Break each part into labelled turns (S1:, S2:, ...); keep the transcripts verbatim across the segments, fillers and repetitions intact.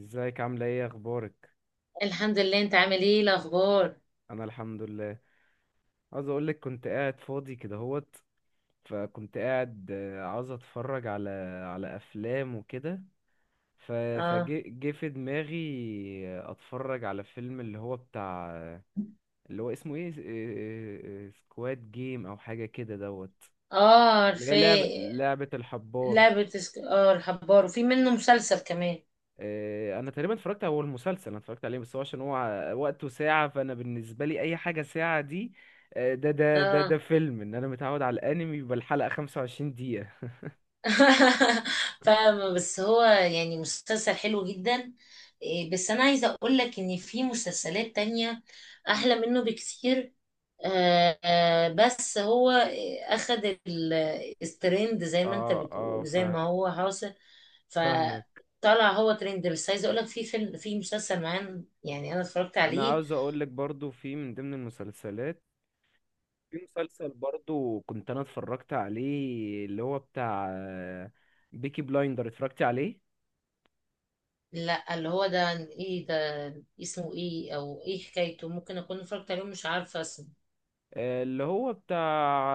S1: ازيك، عاملة ايه، اخبارك؟
S2: الحمد لله، انت عامل ايه؟ إيه الاخبار؟
S1: انا الحمد لله. عاوز اقولك كنت قاعد فاضي كده هوت. فكنت قاعد آه، عاوز اتفرج على على افلام وكده. ف-
S2: اه.
S1: فجه جه في دماغي. آه، اتفرج على فيلم اللي هو بتاع، اللي هو اسمه ايه، سكواد جيم او حاجة كده دوت.
S2: اه،
S1: اللي هي لعبة
S2: عارفاه.
S1: لعبة الحبار.
S2: لعبة سك... اه، الحبار، وفي منه مسلسل كمان.
S1: آه، انا تقريبا اتفرجت، هو المسلسل انا اتفرجت عليه، بس هو عشان هو وقته ساعة، فانا بالنسبة لي اي حاجة ساعة دي. آه، ده ده ده
S2: اه.
S1: ده فيلم، ان انا متعود على الانمي يبقى الحلقة 25 دقيقة.
S2: فاهمة، بس هو يعني مسلسل حلو جدا. إيه، بس انا عايزة اقول لك ان في مسلسلات تانية احلى منه بكتير. آه آه، بس هو آه، اخد ال- الترند زي ما انت
S1: اه اه
S2: بتقول زي
S1: فا-
S2: ما هو حاصل.
S1: فاهمك.
S2: فطلع هو ترند، بس عايزه اقول لك في فيلم، في مسلسل معين يعني انا اتفرجت
S1: انا
S2: عليه.
S1: عاوز اقول لك برضو، في من ضمن المسلسلات، في مسلسل برضو كنت انا اتفرجت عليه، اللي هو بتاع بيكي بلايندر، اتفرجت عليه.
S2: لا، اللي هو ده ايه ده؟ اسمه ايه، او ايه حكايته؟ ممكن اكون اتفرجت عليه مش عارفه اسمه.
S1: آه، اللي هو بتاع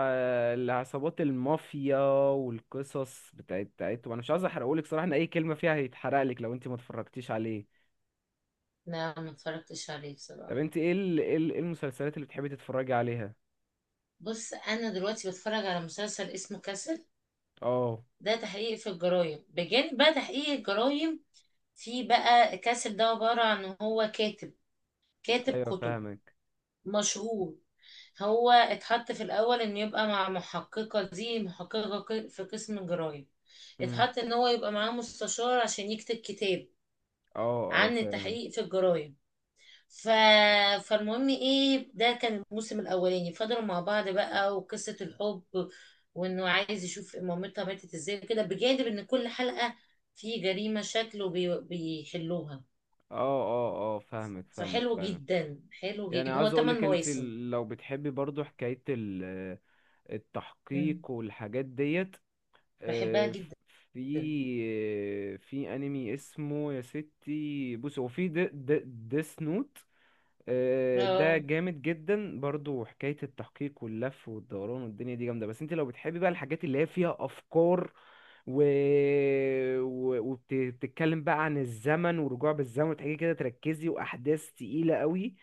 S1: آه، العصابات، المافيا، والقصص بتاعت بتاعتهم. انا مش عايز احرقهولك صراحة، ان اي كلمة فيها هيتحرقلك لو انت ما اتفرجتيش عليه.
S2: لا، ما اتفرجتش عليه
S1: طب
S2: بصراحه.
S1: انت ايه ال... ايه ال- إيه المسلسلات اللي بتحبي تتفرجي عليها؟
S2: بص، انا دلوقتي بتفرج على مسلسل اسمه كاسل.
S1: اه.
S2: ده تحقيق في الجرايم، بجانب بقى تحقيق الجرايم، في بقى كاسل ده عباره عن هو كاتب، كاتب
S1: ايوه
S2: كتب
S1: فاهمك.
S2: مشهور. هو اتحط في الأول إنه يبقى مع محققة، دي محققة ق- في قسم الجرايم.
S1: امم.
S2: اتحط إن هو يبقى معاه مستشار عشان يكتب كتاب
S1: اه اه
S2: عن
S1: فاهم.
S2: التحقيق في الجرايم. ف... فالمهم ايه، ده كان الموسم الأولاني، فضلوا مع بعض بقى، وقصة الحب، وإنه عايز يشوف مامتها ماتت ازاي كده، بجانب إن كل حلقة في جريمة شكله بي... بيحلوها.
S1: اه اه اه فاهمك، فاهمك
S2: فحلو
S1: فعلا.
S2: جدا، حلو
S1: يعني
S2: جدا، هو
S1: عايز
S2: تمن
S1: اقولك انت
S2: مواسم
S1: ال- لو بتحبي برضو حكاية ال-
S2: مم.
S1: التحقيق والحاجات ديت.
S2: بحبها
S1: آه،
S2: جدا.
S1: في آه، في انمي اسمه، يا ستي بص، هو في ديس نوت. ده
S2: اه.
S1: جامد جدا برضو، حكاية التحقيق واللف والدوران والدنيا دي جامدة. بس انت لو بتحبي بقى الحاجات اللي هي فيها افكار و... و... وبتتكلم بقى عن الزمن ورجوع بالزمن، وتحكي كده تركزي، واحداث تقيلة قوي.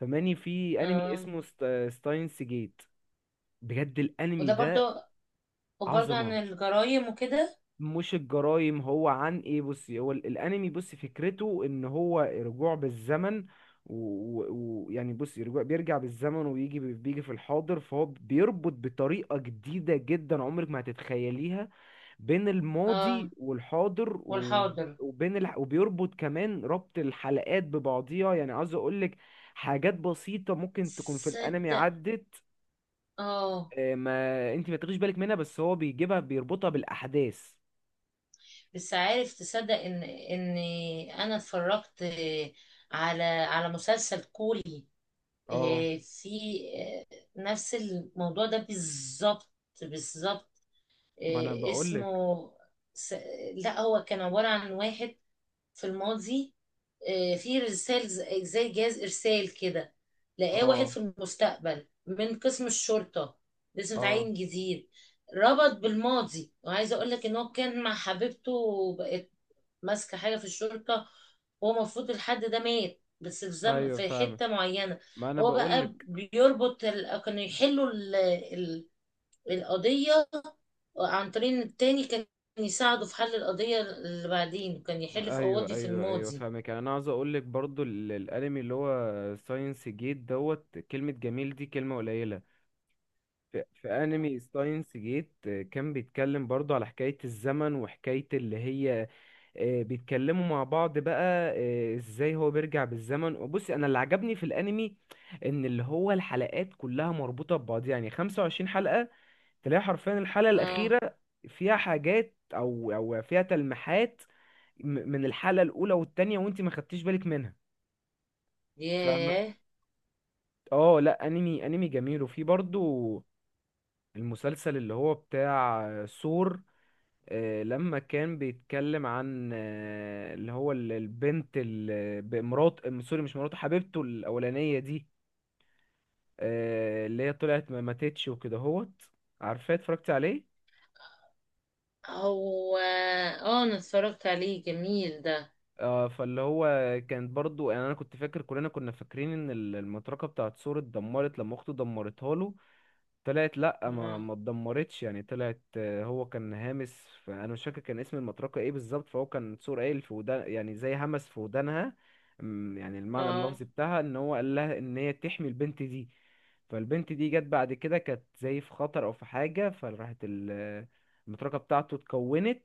S1: فماني في انمي
S2: اه،
S1: اسمه ست... ستاينس جيت. بجد، الانمي
S2: وده
S1: ده
S2: برضو، وبرضو عن
S1: عظمة.
S2: الجرايم وكده.
S1: مش الجرايم، هو عن ايه؟ بصي، هو ال- الانمي، بصي، فكرته ان هو رجوع بالزمن. ويعني بصي، رجوع بيرجع بالزمن ويجي بي- بيجي في الحاضر، فهو بيربط بطريقة جديدة جدا عمرك ما هتتخيليها بين الماضي
S2: اه،
S1: والحاضر و-
S2: والحاضر.
S1: وبين الح... وبيربط كمان ربط الحلقات ببعضيها. يعني عاوز اقولك، حاجات بسيطة ممكن تكون في الانمي
S2: تصدق.
S1: عدت،
S2: اه،
S1: آه، ما انت ما تاخديش بالك منها، بس هو بيجيبها بيربطها بالاحداث.
S2: بس عارف، تصدق ان ان انا اتفرجت على على مسلسل كوري.
S1: اه،
S2: آه، في آه، نفس الموضوع ده بالظبط، بالظبط.
S1: ما انا
S2: آه،
S1: بقولك.
S2: اسمه س- لا، هو كان عبارة عن واحد في الماضي، آه، في رسالة ز- زي جهاز إرسال كده. لقاه واحد
S1: اه
S2: في المستقبل من قسم الشرطة، لسه
S1: اه
S2: متعين جديد، ربط بالماضي. وعايزة أقول لك إن هو كان مع حبيبته، وبقت ماسكة حاجة في الشرطة، وهو المفروض الحد ده مات، بس في زم...
S1: ايوه
S2: في
S1: فاهمك،
S2: حتة معينة
S1: ما انا
S2: هو بقى
S1: بقولك.
S2: بيربط ال... كانوا يحلوا ال... ال... القضية عن طريق إن التاني كان يساعده في حل القضية، اللي بعدين كان يحل في
S1: ايوه
S2: قواضي في
S1: ايوه ايوه
S2: الماضي.
S1: فاهمك. يعني انا عاوز اقولك برضو ال- الانمي اللي هو ساينس جيت دوت كلمة جميل دي كلمة قليلة. في, في انمي ساينس جيت، آه، كان بيتكلم برضو على حكاية الزمن، وحكاية اللي هي آه، بيتكلموا مع بعض بقى. آه، ازاي هو بيرجع بالزمن. وبصي، انا اللي عجبني في الانمي ان اللي هو الحلقات كلها مربوطة ببعض، يعني 25 حلقة تلاقي حرفيا الحلقة
S2: اه.
S1: الأخيرة فيها حاجات أو أو فيها تلميحات م- من الحلقة الأولى والتانية، وأنت ما خدتيش بالك منها. فما
S2: ياه.
S1: اه لا، أنمي أنمي جميل. وفي برضو المسلسل اللي هو بتاع سور. آه، لما كان بيتكلم عن آه، اللي هو ال- البنت ال- ب- مرات آه، سوري، مش مراته، حبيبته الأولانية دي. آه، اللي هي طلعت ما ماتتش وكده هوت. عارفاه، اتفرجت عليه.
S2: هو اه انا اتفرجت عليه، جميل ده.
S1: اه، فاللي هو كانت برضو، يعني انا كنت فاكر، كلنا كنا فاكرين ان ال- المطرقه بتاعت سور اتدمرت لما اخته دمرتها له. طلعت لا، ما
S2: اه.
S1: ما اتدمرتش، يعني طلعت آه، هو كان هامس، فانا مش فاكر كان اسم المطرقه ايه بالظبط. فهو كان سور قايل في ودان، يعني زي همس في ودانها. أمم، يعني المعنى
S2: اه،
S1: اللفظي بتاعها ان هو قال لها ان هي تحمي البنت دي. فالبنت دي جت بعد كده، كانت زي في خطر او في حاجه، فراحت ال- المطرقه بتاعته اتكونت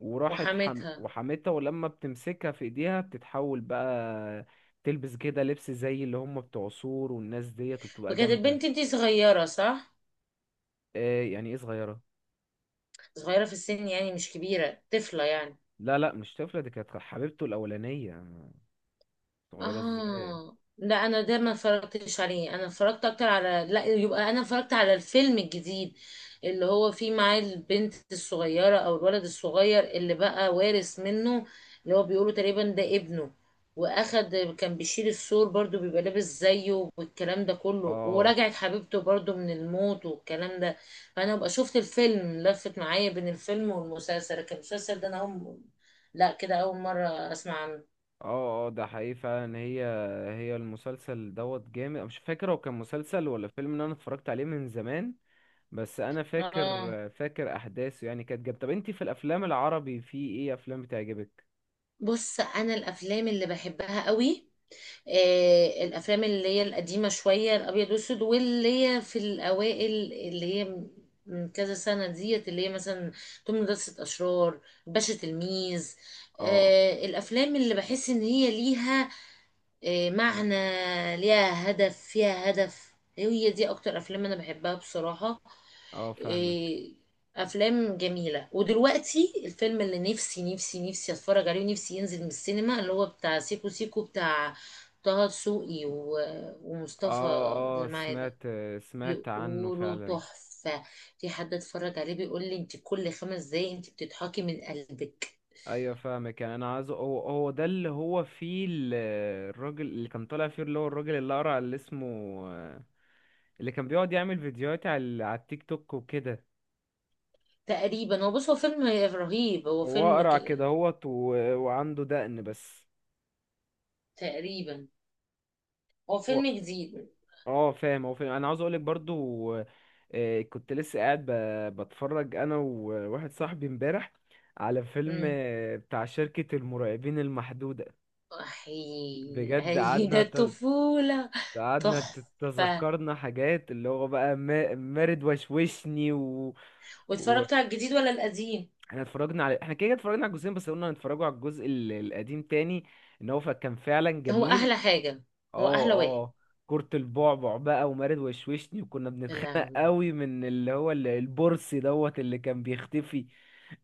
S1: وراحت حم...
S2: وحماتها.
S1: وحمتها، ولما بتمسكها في ايديها بتتحول بقى، تلبس كده لبس زي اللي هم بتوع سور والناس ديت، وبتبقى
S2: وكانت
S1: جامدة.
S2: البنت دي صغيرة صح؟
S1: ايه يعني ايه صغيرة؟
S2: صغيرة في السن يعني، مش كبيرة طفلة يعني.
S1: لا لا، مش طفلة، دي كانت حبيبته الأولانية، صغيرة ازاي؟
S2: اه، لا، انا ده ما اتفرجتش عليه، انا اتفرجت اكتر على لا، يبقى انا اتفرجت على الفيلم الجديد، اللي هو فيه معاه البنت الصغيرة او الولد الصغير اللي بقى وارث منه، اللي هو بيقولوا تقريبا ده ابنه، واخد كان بيشيل السور برضو، بيبقى لابس زيه والكلام ده كله،
S1: اه
S2: ورجعت حبيبته برضو من الموت والكلام ده. فانا بقى شفت الفيلم، لفت معايا بين الفيلم والمسلسل، كان المسلسل ده انا اول، لا كده اول مرة اسمع عنه.
S1: اه اه ده حقيقي فعلا. هي هي المسلسل دوت جامد. أنا مش فاكر هو كان مسلسل ولا فيلم، ان انا اتفرجت عليه من زمان، بس انا فاكر
S2: اه،
S1: فاكر احداثه يعني كانت جامدة. طب انتي في الافلام العربي، في ايه افلام بتعجبك؟
S2: بص انا الافلام اللي بحبها قوي آه الافلام اللي هي القديمه شويه، الابيض والاسود، واللي هي في الاوائل، اللي هي من كذا سنه ديت، اللي هي مثلا توم، مدرسه اشرار، باشا تلميذ.
S1: اه
S2: آه الافلام اللي بحس ان هي ليها آه معنى، ليها هدف، فيها هدف، هي دي اكتر افلام انا بحبها بصراحه.
S1: اه فاهمك.
S2: إيه، افلام جميله. ودلوقتي الفيلم اللي نفسي نفسي نفسي اتفرج عليه، ونفسي ينزل من السينما، اللي هو بتاع سيكو سيكو بتاع طه دسوقي و- ومصطفى
S1: اه اه
S2: اللي معايا ده.
S1: سمعت، سمعت عنه
S2: بيقولوا
S1: فعلا.
S2: تحفه، في حد اتفرج عليه بيقول لي انت كل خمس دقايق انت بتضحكي من قلبك.
S1: ايوه فاهمك، يعني انا عايزه، هو هو ده اللي هو فيه ال- الراجل اللي كان طالع فيه، اللي هو الراجل اللي اقرع اللي اسمه، اللي كان بيقعد يعمل فيديوهات على ال- على التيك توك وكده.
S2: تقريبا هو، بص هو فيلم رهيب، هو
S1: هو
S2: فيلم
S1: اقرع كده
S2: ك...
S1: هوت و... وعنده دقن بس.
S2: تقريبا هو
S1: هو
S2: فيلم جديد.
S1: اه فاهم، هو فاهم، انا عاوز اقولك برضو آه، كنت لسه قاعد ب... بتفرج انا وواحد صاحبي امبارح على فيلم
S2: امم.
S1: آه، بتاع شركة المرعبين المحدودة.
S2: احي.
S1: بجد،
S2: اهي ده
S1: قعدنا
S2: الطفوله.
S1: قعدنا
S2: تحفه.
S1: تتذكرنا حاجات، اللي هو بقى ما- مارد وشوشني و... و...
S2: واتفرجت على الجديد ولا القديم؟
S1: احنا اتفرجنا على، احنا كده كده اتفرجنا على الجزئين، بس قلنا هنتفرجوا على الجزء ال- القديم تاني، ان هو ف- كان فعلا
S2: هو
S1: جميل.
S2: احلى حاجه، هو
S1: اه
S2: احلى واحد.
S1: اه، كرة البعبع بقى ومارد وشوشني، وكنا
S2: يا
S1: بنتخانق
S2: لهوي.
S1: قوي من اللي هو ال- البرصي دوت اللي كان بيختفي.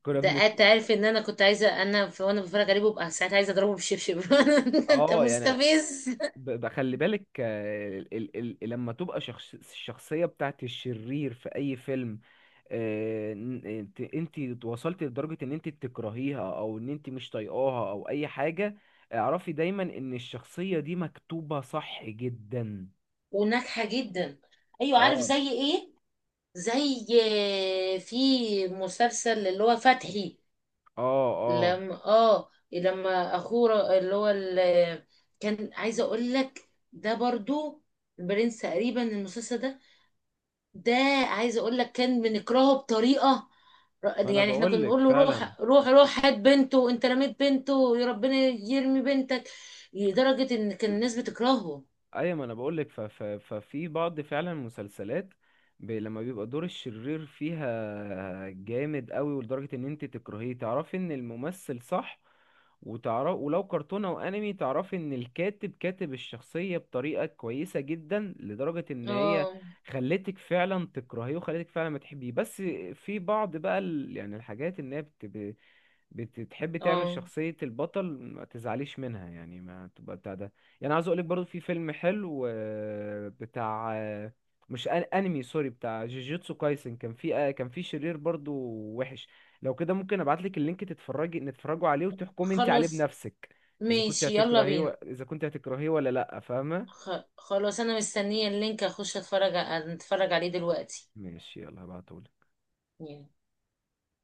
S1: كنا
S2: ده
S1: بن
S2: انت عارف ان انا كنت عايزه، انا في وانا بتفرج عليه ببقى ساعات عايزه اضربه بالشبشب. انت
S1: اه، يعني
S2: مستفز.
S1: ب- ب- خلي بالك. آه، ال... ال... ال... لما تبقى شخص... الشخصية بتاعت الشرير في اي فيلم، آه، ن- انت انت وصلت لدرجة ان انت تكرهيها، او ان انت مش طايقاها، او اي حاجة، اعرفي دايما ان الشخصية دي مكتوبة صح جدا.
S2: وناجحه جدا. ايوه، عارف
S1: اه
S2: زي ايه؟ زي في مسلسل اللي هو فتحي،
S1: اه اه
S2: لما اه لما اخوه اللي هو ال- كان عايزه اقول لك ده برضو، البرنس تقريبا المسلسل ده ده عايزه اقول لك كان بنكرهه بطريقه،
S1: ما انا
S2: يعني احنا كنا
S1: بقولك
S2: نقول له
S1: فعلا.
S2: روح روح روح، هات بنته، انت رميت بنته، يا ربنا يرمي بنتك، لدرجه ان كان الناس بتكرهه.
S1: ايوه، ما انا بقول لك، ففي بعض فعلا مسلسلات ب- لما بيبقى دور الشرير فيها جامد قوي، ولدرجة ان انت تكرهيه، تعرفي ان الممثل صح. وتعرف ولو كرتونة او انمي، تعرفي ان الكاتب كاتب الشخصية بطريقة كويسة جدا لدرجة ان هي
S2: اه.
S1: خلتك فعلا تكرهيه، وخلتك فعلا ما تحبيه. بس في بعض بقى ال... يعني الحاجات ان هي بت... بتحب تعمل
S2: اه.
S1: شخصية البطل، ما تزعليش منها يعني، ما تبقى بتاع ده. يعني عاوز اقولك برضو في فيلم حلو آه، بتاع، آه، مش أن- انمي، سوري، بتاع جوجيتسو كايسن، كان في آه، كان في شرير برضو وحش. لو كده ممكن ابعتلك اللينك تتفرجي، نتفرجوا عليه وتحكمي انت عليه
S2: خلاص،
S1: بنفسك، اذا كنت
S2: ماشي يلا
S1: هتكرهيه و...
S2: بينا.
S1: اذا كنت هتكرهيه ولا لا، فاهمة؟
S2: خ- خلاص، انا مستنيه اللينك اخش اتفرج اتفرج عليه دلوقتي.
S1: ماشي يلا، هبعتهولك.